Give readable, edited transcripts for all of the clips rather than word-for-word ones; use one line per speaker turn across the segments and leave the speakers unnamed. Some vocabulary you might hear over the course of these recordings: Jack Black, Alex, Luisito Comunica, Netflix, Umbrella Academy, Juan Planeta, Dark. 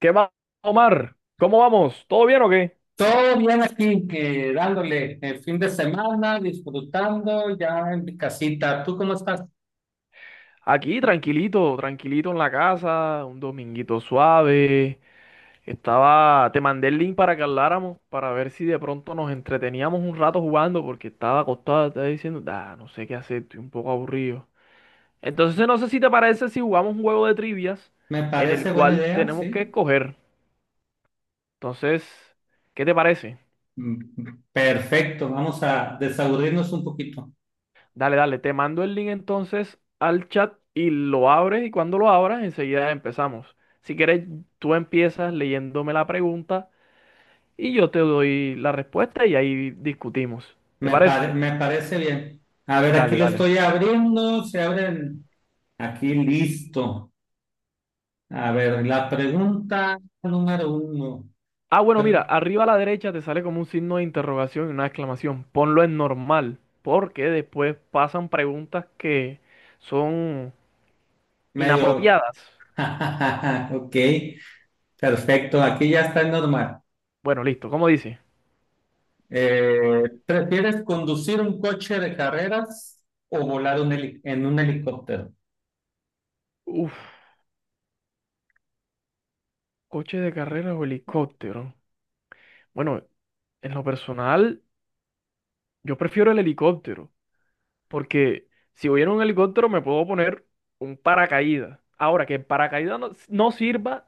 ¿Qué más, Omar? ¿Cómo vamos? ¿Todo bien o qué?
Todo bien aquí, dándole el fin de semana, disfrutando ya en mi casita. ¿Tú cómo estás?
Aquí, tranquilito, tranquilito en la casa, un dominguito suave. Te mandé el link para que habláramos, para ver si de pronto nos entreteníamos un rato jugando, porque estaba acostado, estaba diciendo, ah, no sé qué hacer, estoy un poco aburrido. Entonces, no sé si te parece si jugamos un juego de trivias
Me
en el
parece buena
cual
idea,
tenemos que
sí.
escoger. Entonces, ¿qué te parece?
Mm, Perfecto, vamos a desaburrirnos un poquito.
Dale, dale, te mando el link entonces al chat y lo abres y cuando lo abras enseguida empezamos. Si quieres, tú empiezas leyéndome la pregunta y yo te doy la respuesta y ahí discutimos. ¿Te parece?
Me parece bien. A ver, aquí
Dale,
lo
dale.
estoy abriendo, se abren aquí listo. A ver, la pregunta número uno.
Ah, bueno,
Eh,
mira, arriba a la derecha te sale como un signo de interrogación y una exclamación. Ponlo en normal, porque después pasan preguntas que son
Medio.
inapropiadas.
Ok, perfecto, aquí ya está normal.
Bueno, listo, ¿cómo dice?
¿Prefieres conducir un coche de carreras o volar en un helicóptero?
Uf, coche de carrera o helicóptero. Bueno, en lo personal, yo prefiero el helicóptero, porque si voy en un helicóptero me puedo poner un paracaídas. Ahora, que el paracaídas no sirva,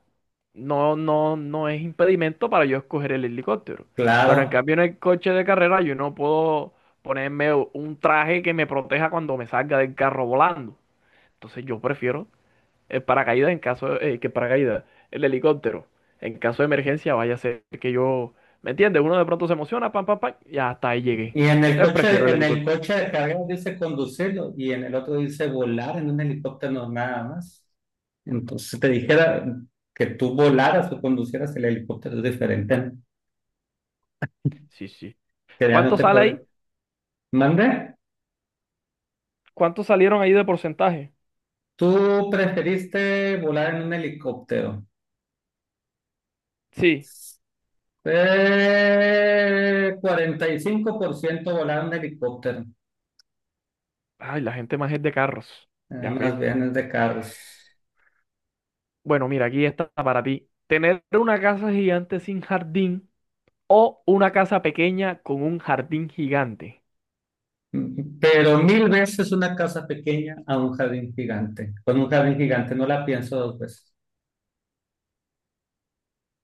no, no, no es impedimento para yo escoger el helicóptero. Pero en
Claro.
cambio en el coche de carrera yo no puedo ponerme un traje que me proteja cuando me salga del carro volando. Entonces yo prefiero el paracaídas en caso que paracaídas, el helicóptero, en caso de emergencia, vaya a ser que yo, ¿me entiendes? Uno de pronto se emociona, pam, pam, pam, y hasta ahí llegué.
Y
Entonces prefiero el
en el
helicóptero.
coche de carreras dice conducirlo y en el otro dice volar en un helicóptero nada más. Entonces, si te dijera que tú volaras o conducieras el helicóptero, es diferente, ¿no?
Sí, sí.
Que ya no
¿Cuánto
te
sale
puede.
ahí?
¿Mande?
¿Cuántos salieron ahí de porcentaje?
Tú preferiste volar en un helicóptero.
Sí.
45% volar en helicóptero.
Ay, la gente más es de carros. Ya veo.
Más bien es de carros.
Bueno, mira, aquí está para ti. Tener una casa gigante sin jardín o una casa pequeña con un jardín gigante.
Pero mil veces una casa pequeña a un jardín gigante. Con un jardín gigante no la pienso dos veces.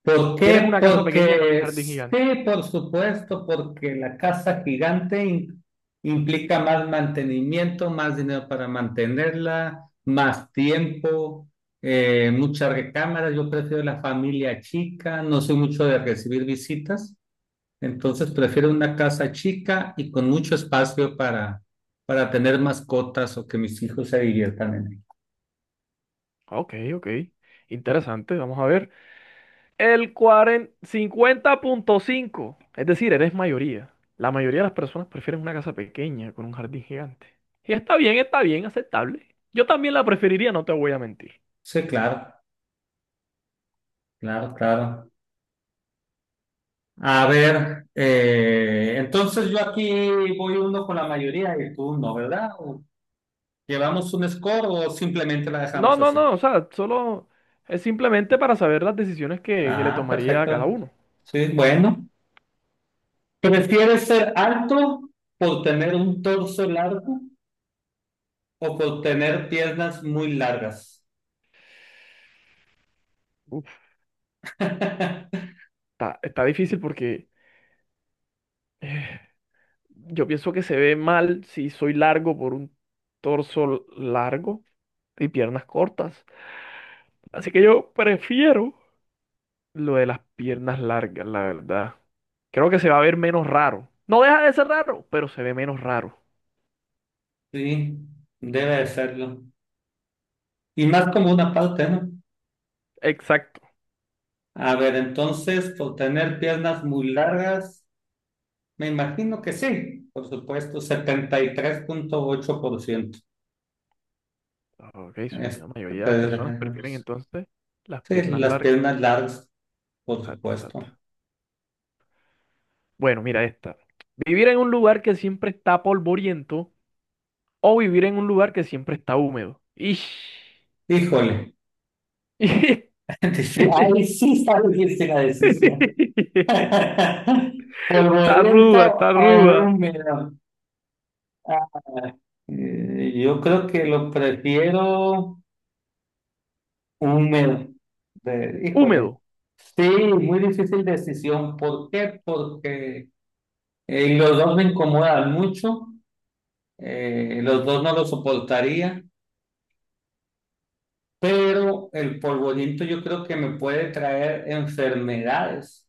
¿Por
¿Quieres
qué?
una casa pequeña con un
Porque
jardín gigante?
sí, por supuesto, porque la casa gigante implica más mantenimiento, más dinero para mantenerla, más tiempo, muchas recámaras. Yo prefiero la familia chica, no soy mucho de recibir visitas. Entonces prefiero una casa chica y con mucho espacio para tener mascotas o que mis hijos se diviertan en ella.
Ok, ok. Interesante, vamos a ver. El 50.5 es decir, eres mayoría. La mayoría de las personas prefieren una casa pequeña con un jardín gigante. Y está bien, aceptable. Yo también la preferiría, no te voy a mentir.
Sí, claro, claro, claro. A ver, entonces yo aquí voy uno con la mayoría y tú no, ¿verdad? ¿O ¿Llevamos un score o simplemente la
No,
dejamos
no,
así?
no, o sea, solo es simplemente para saber las decisiones que le
Ah,
tomaría a cada
perfecto.
uno.
Sí, bueno. ¿Prefieres ser alto por tener un torso largo o por tener piernas muy largas?
Uf, está difícil porque eh, yo pienso que se ve mal si soy largo por un torso largo y piernas cortas. Así que yo prefiero lo de las piernas largas, la verdad. Creo que se va a ver menos raro. No deja de ser raro, pero se ve menos raro.
Sí, debe de serlo. Y más como una parte, ¿no?
Exacto.
A ver, entonces, por tener piernas muy largas, me imagino que sí, por supuesto, 73.8%.
Ok, sí, la
Este,
mayoría de las personas prefieren entonces las
sí,
piernas
las
largas.
piernas largas, por
Exacto, exacto.
supuesto.
Bueno, mira esta. Vivir en un lugar que siempre está polvoriento o vivir en un lugar que siempre está húmedo. Ish.
Híjole, ahí sí está difícil la decisión.
Está ruda,
Polvoriento
está
o
ruda.
húmedo. Yo creo que lo prefiero. Húmedo. Híjole.
Húmedo.
Sí, muy difícil decisión. ¿Por qué? Porque los dos me incomodan mucho, los dos no lo soportaría, pero el polvoriento yo creo que me puede traer enfermedades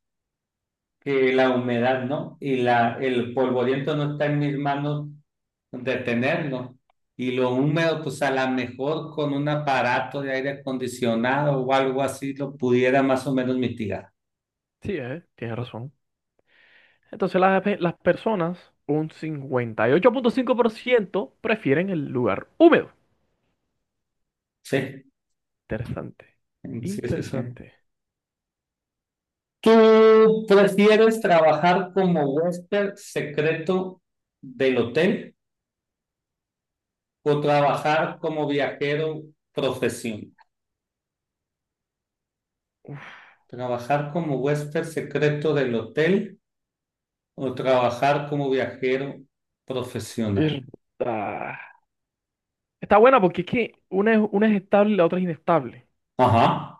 que la humedad no, y la, el polvoriento no está en mis manos detenerlo. Y lo húmedo, pues a lo mejor con un aparato de aire acondicionado o algo así lo pudiera más o menos mitigar.
Sí, tienes razón. Entonces las personas, un 58.5% prefieren el lugar húmedo.
Sí.
Interesante.
Sí, sí, sí.
Interesante.
¿Tú prefieres trabajar como huésped secreto del hotel o trabajar como viajero profesional?
Uf,
¿Trabajar como huésped secreto del hotel o trabajar como viajero
es-
profesional?
ah. Está buena porque es que una es estable y la otra es inestable.
Ajá.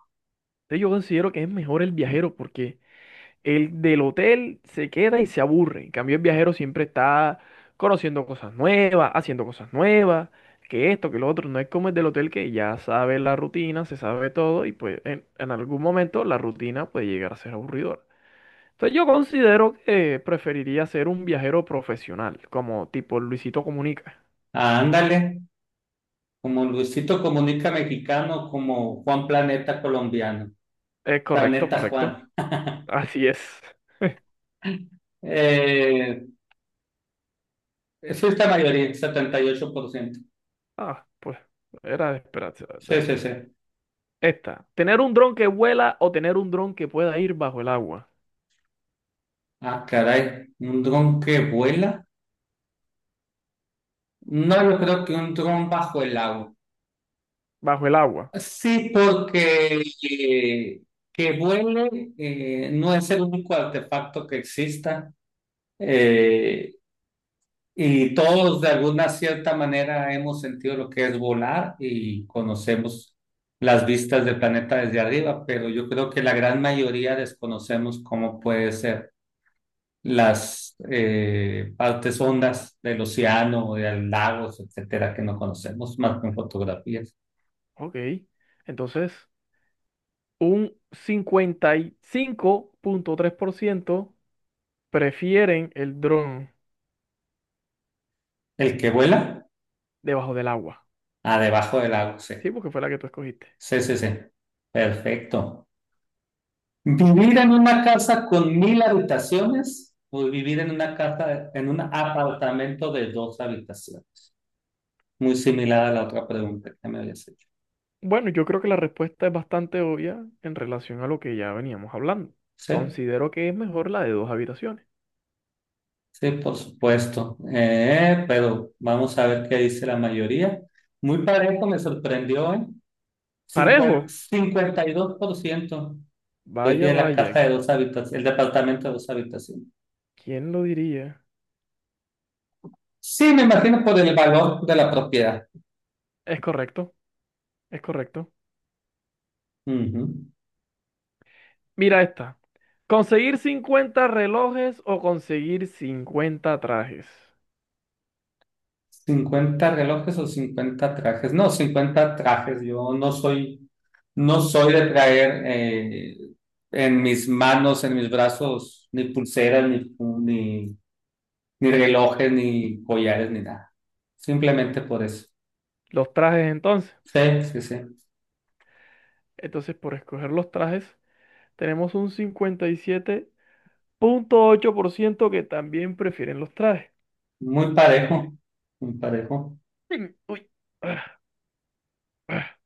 Entonces yo considero que es mejor el viajero porque el del hotel se queda y se aburre. En cambio, el viajero siempre está conociendo cosas nuevas, haciendo cosas nuevas, que esto, que lo otro. No es como el del hotel que ya sabe la rutina, se sabe todo y pues en algún momento la rutina puede llegar a ser aburridora. Entonces yo considero que preferiría ser un viajero profesional, como tipo Luisito Comunica.
Ah, ándale, como Luisito Comunica mexicano, como Juan Planeta colombiano,
Es correcto,
Planeta
correcto.
Juan.
Así es.
Eh, sí, es la mayoría, 78%.
Ah, pues era de esperarse, la
Sí,
verdad.
sí, sí.
Esta, tener un dron que vuela o tener un dron que pueda ir bajo el agua.
Ah, caray, ¿un dron que vuela? No, yo creo que un dron bajo el agua.
Bajo el agua.
Sí, porque eh, que vuele no es el único artefacto que exista, eh, y todos de alguna cierta manera hemos sentido lo que es volar y conocemos las vistas del planeta desde arriba, pero yo creo que la gran mayoría desconocemos cómo puede ser las partes hondas del océano, de los lagos, etcétera, que no conocemos más que en fotografías.
Ok. Entonces, un 55.3% prefieren el dron
El que vuela,
debajo del agua.
a debajo del lago, sí.
Sí, porque fue la que tú escogiste.
Sí, sí, sí. Perfecto. ¿Vivir en una casa con 1000 habitaciones o vivir en una casa, en un apartamento de dos habitaciones? Muy similar a la otra pregunta que me habías hecho.
Bueno, yo creo que la respuesta es bastante obvia en relación a lo que ya veníamos hablando.
Sí,
Considero que es mejor la de 2 habitaciones.
sí, por supuesto. Pero vamos a ver qué dice la mayoría. Muy parejo, me sorprendió, ¿eh?
Parejo.
50 52%
Vaya,
prefiere la
vaya.
casa de dos habitaciones, el departamento de dos habitaciones.
¿Quién lo diría?
Sí, me imagino por el valor de la propiedad.
Es correcto, es correcto.
Ujú.
Mira esta. ¿Conseguir 50 relojes o conseguir 50 trajes?
50 relojes o 50 trajes. No, 50 trajes. Yo no soy, no soy de traer en mis manos, en mis brazos, ni pulseras, ni relojes, ni collares, ni nada. Simplemente por eso.
Los trajes entonces.
Sí, sí, sí.
Entonces, por escoger los trajes, tenemos un 57.8% que también prefieren los trajes.
Muy parejo, muy parejo.
Mm, uy. Ah, ah.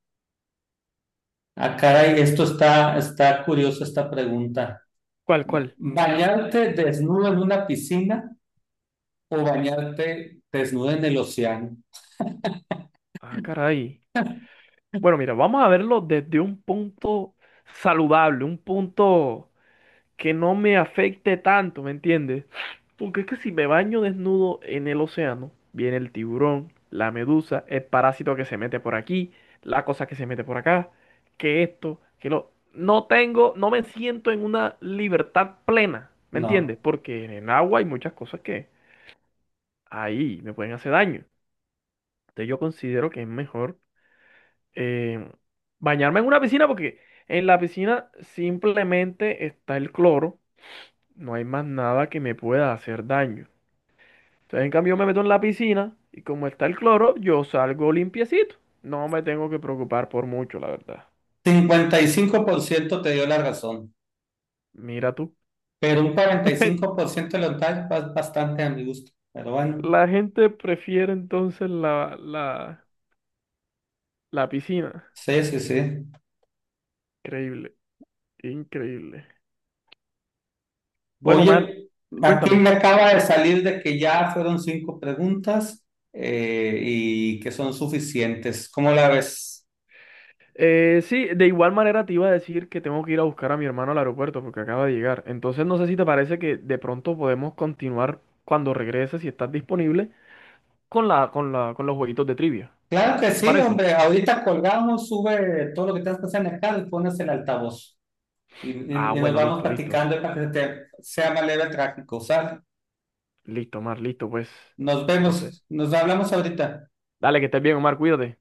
Ah, caray, esto está curioso esta pregunta.
¿Cuál, cuál?
¿Bañarte desnudo en una piscina o bañarte desnudo en el océano?
Ah, caray. Bueno, mira, vamos a verlo desde un punto saludable, un punto que no me afecte tanto, ¿me entiendes? Porque es que si me baño desnudo en el océano, viene el tiburón, la medusa, el parásito que se mete por aquí, la cosa que se mete por acá, que esto, que lo... No tengo, no me siento en una libertad plena, ¿me
No.
entiendes? Porque en el agua hay muchas cosas que ahí me pueden hacer daño. Entonces yo considero que es mejor eh, bañarme en una piscina porque en la piscina simplemente está el cloro, no hay más nada que me pueda hacer daño. Entonces, en cambio, yo me meto en la piscina y como está el cloro, yo salgo limpiecito. No me tengo que preocupar por mucho, la verdad.
55% te dio la razón,
Mira tú.
pero un 45% lo tal es bastante a mi gusto. Pero bueno,
La gente prefiere entonces la piscina.
sí, sí, sí.
Increíble, increíble. Bueno, man,
Oye, aquí me
cuéntame.
acaba de salir de que ya fueron cinco preguntas y que son suficientes. ¿Cómo la ves?
Sí, de igual manera te iba a decir que tengo que ir a buscar a mi hermano al aeropuerto porque acaba de llegar. Entonces no sé si te parece que de pronto podemos continuar cuando regreses, si estás disponible. Con con los jueguitos de trivia.
Claro que
¿Te
sí,
parece?
hombre. Ahorita colgamos, sube todo lo que tengas que hacer en el carro y pones el altavoz. Y, y-
Ah,
y nos
bueno,
vamos
listo, listo.
platicando para que se te sea más leve el tráfico, ¿sale?
Listo, Omar, listo, pues.
Nos
Entonces,
vemos, nos hablamos ahorita.
dale, que estés bien, Omar, cuídate.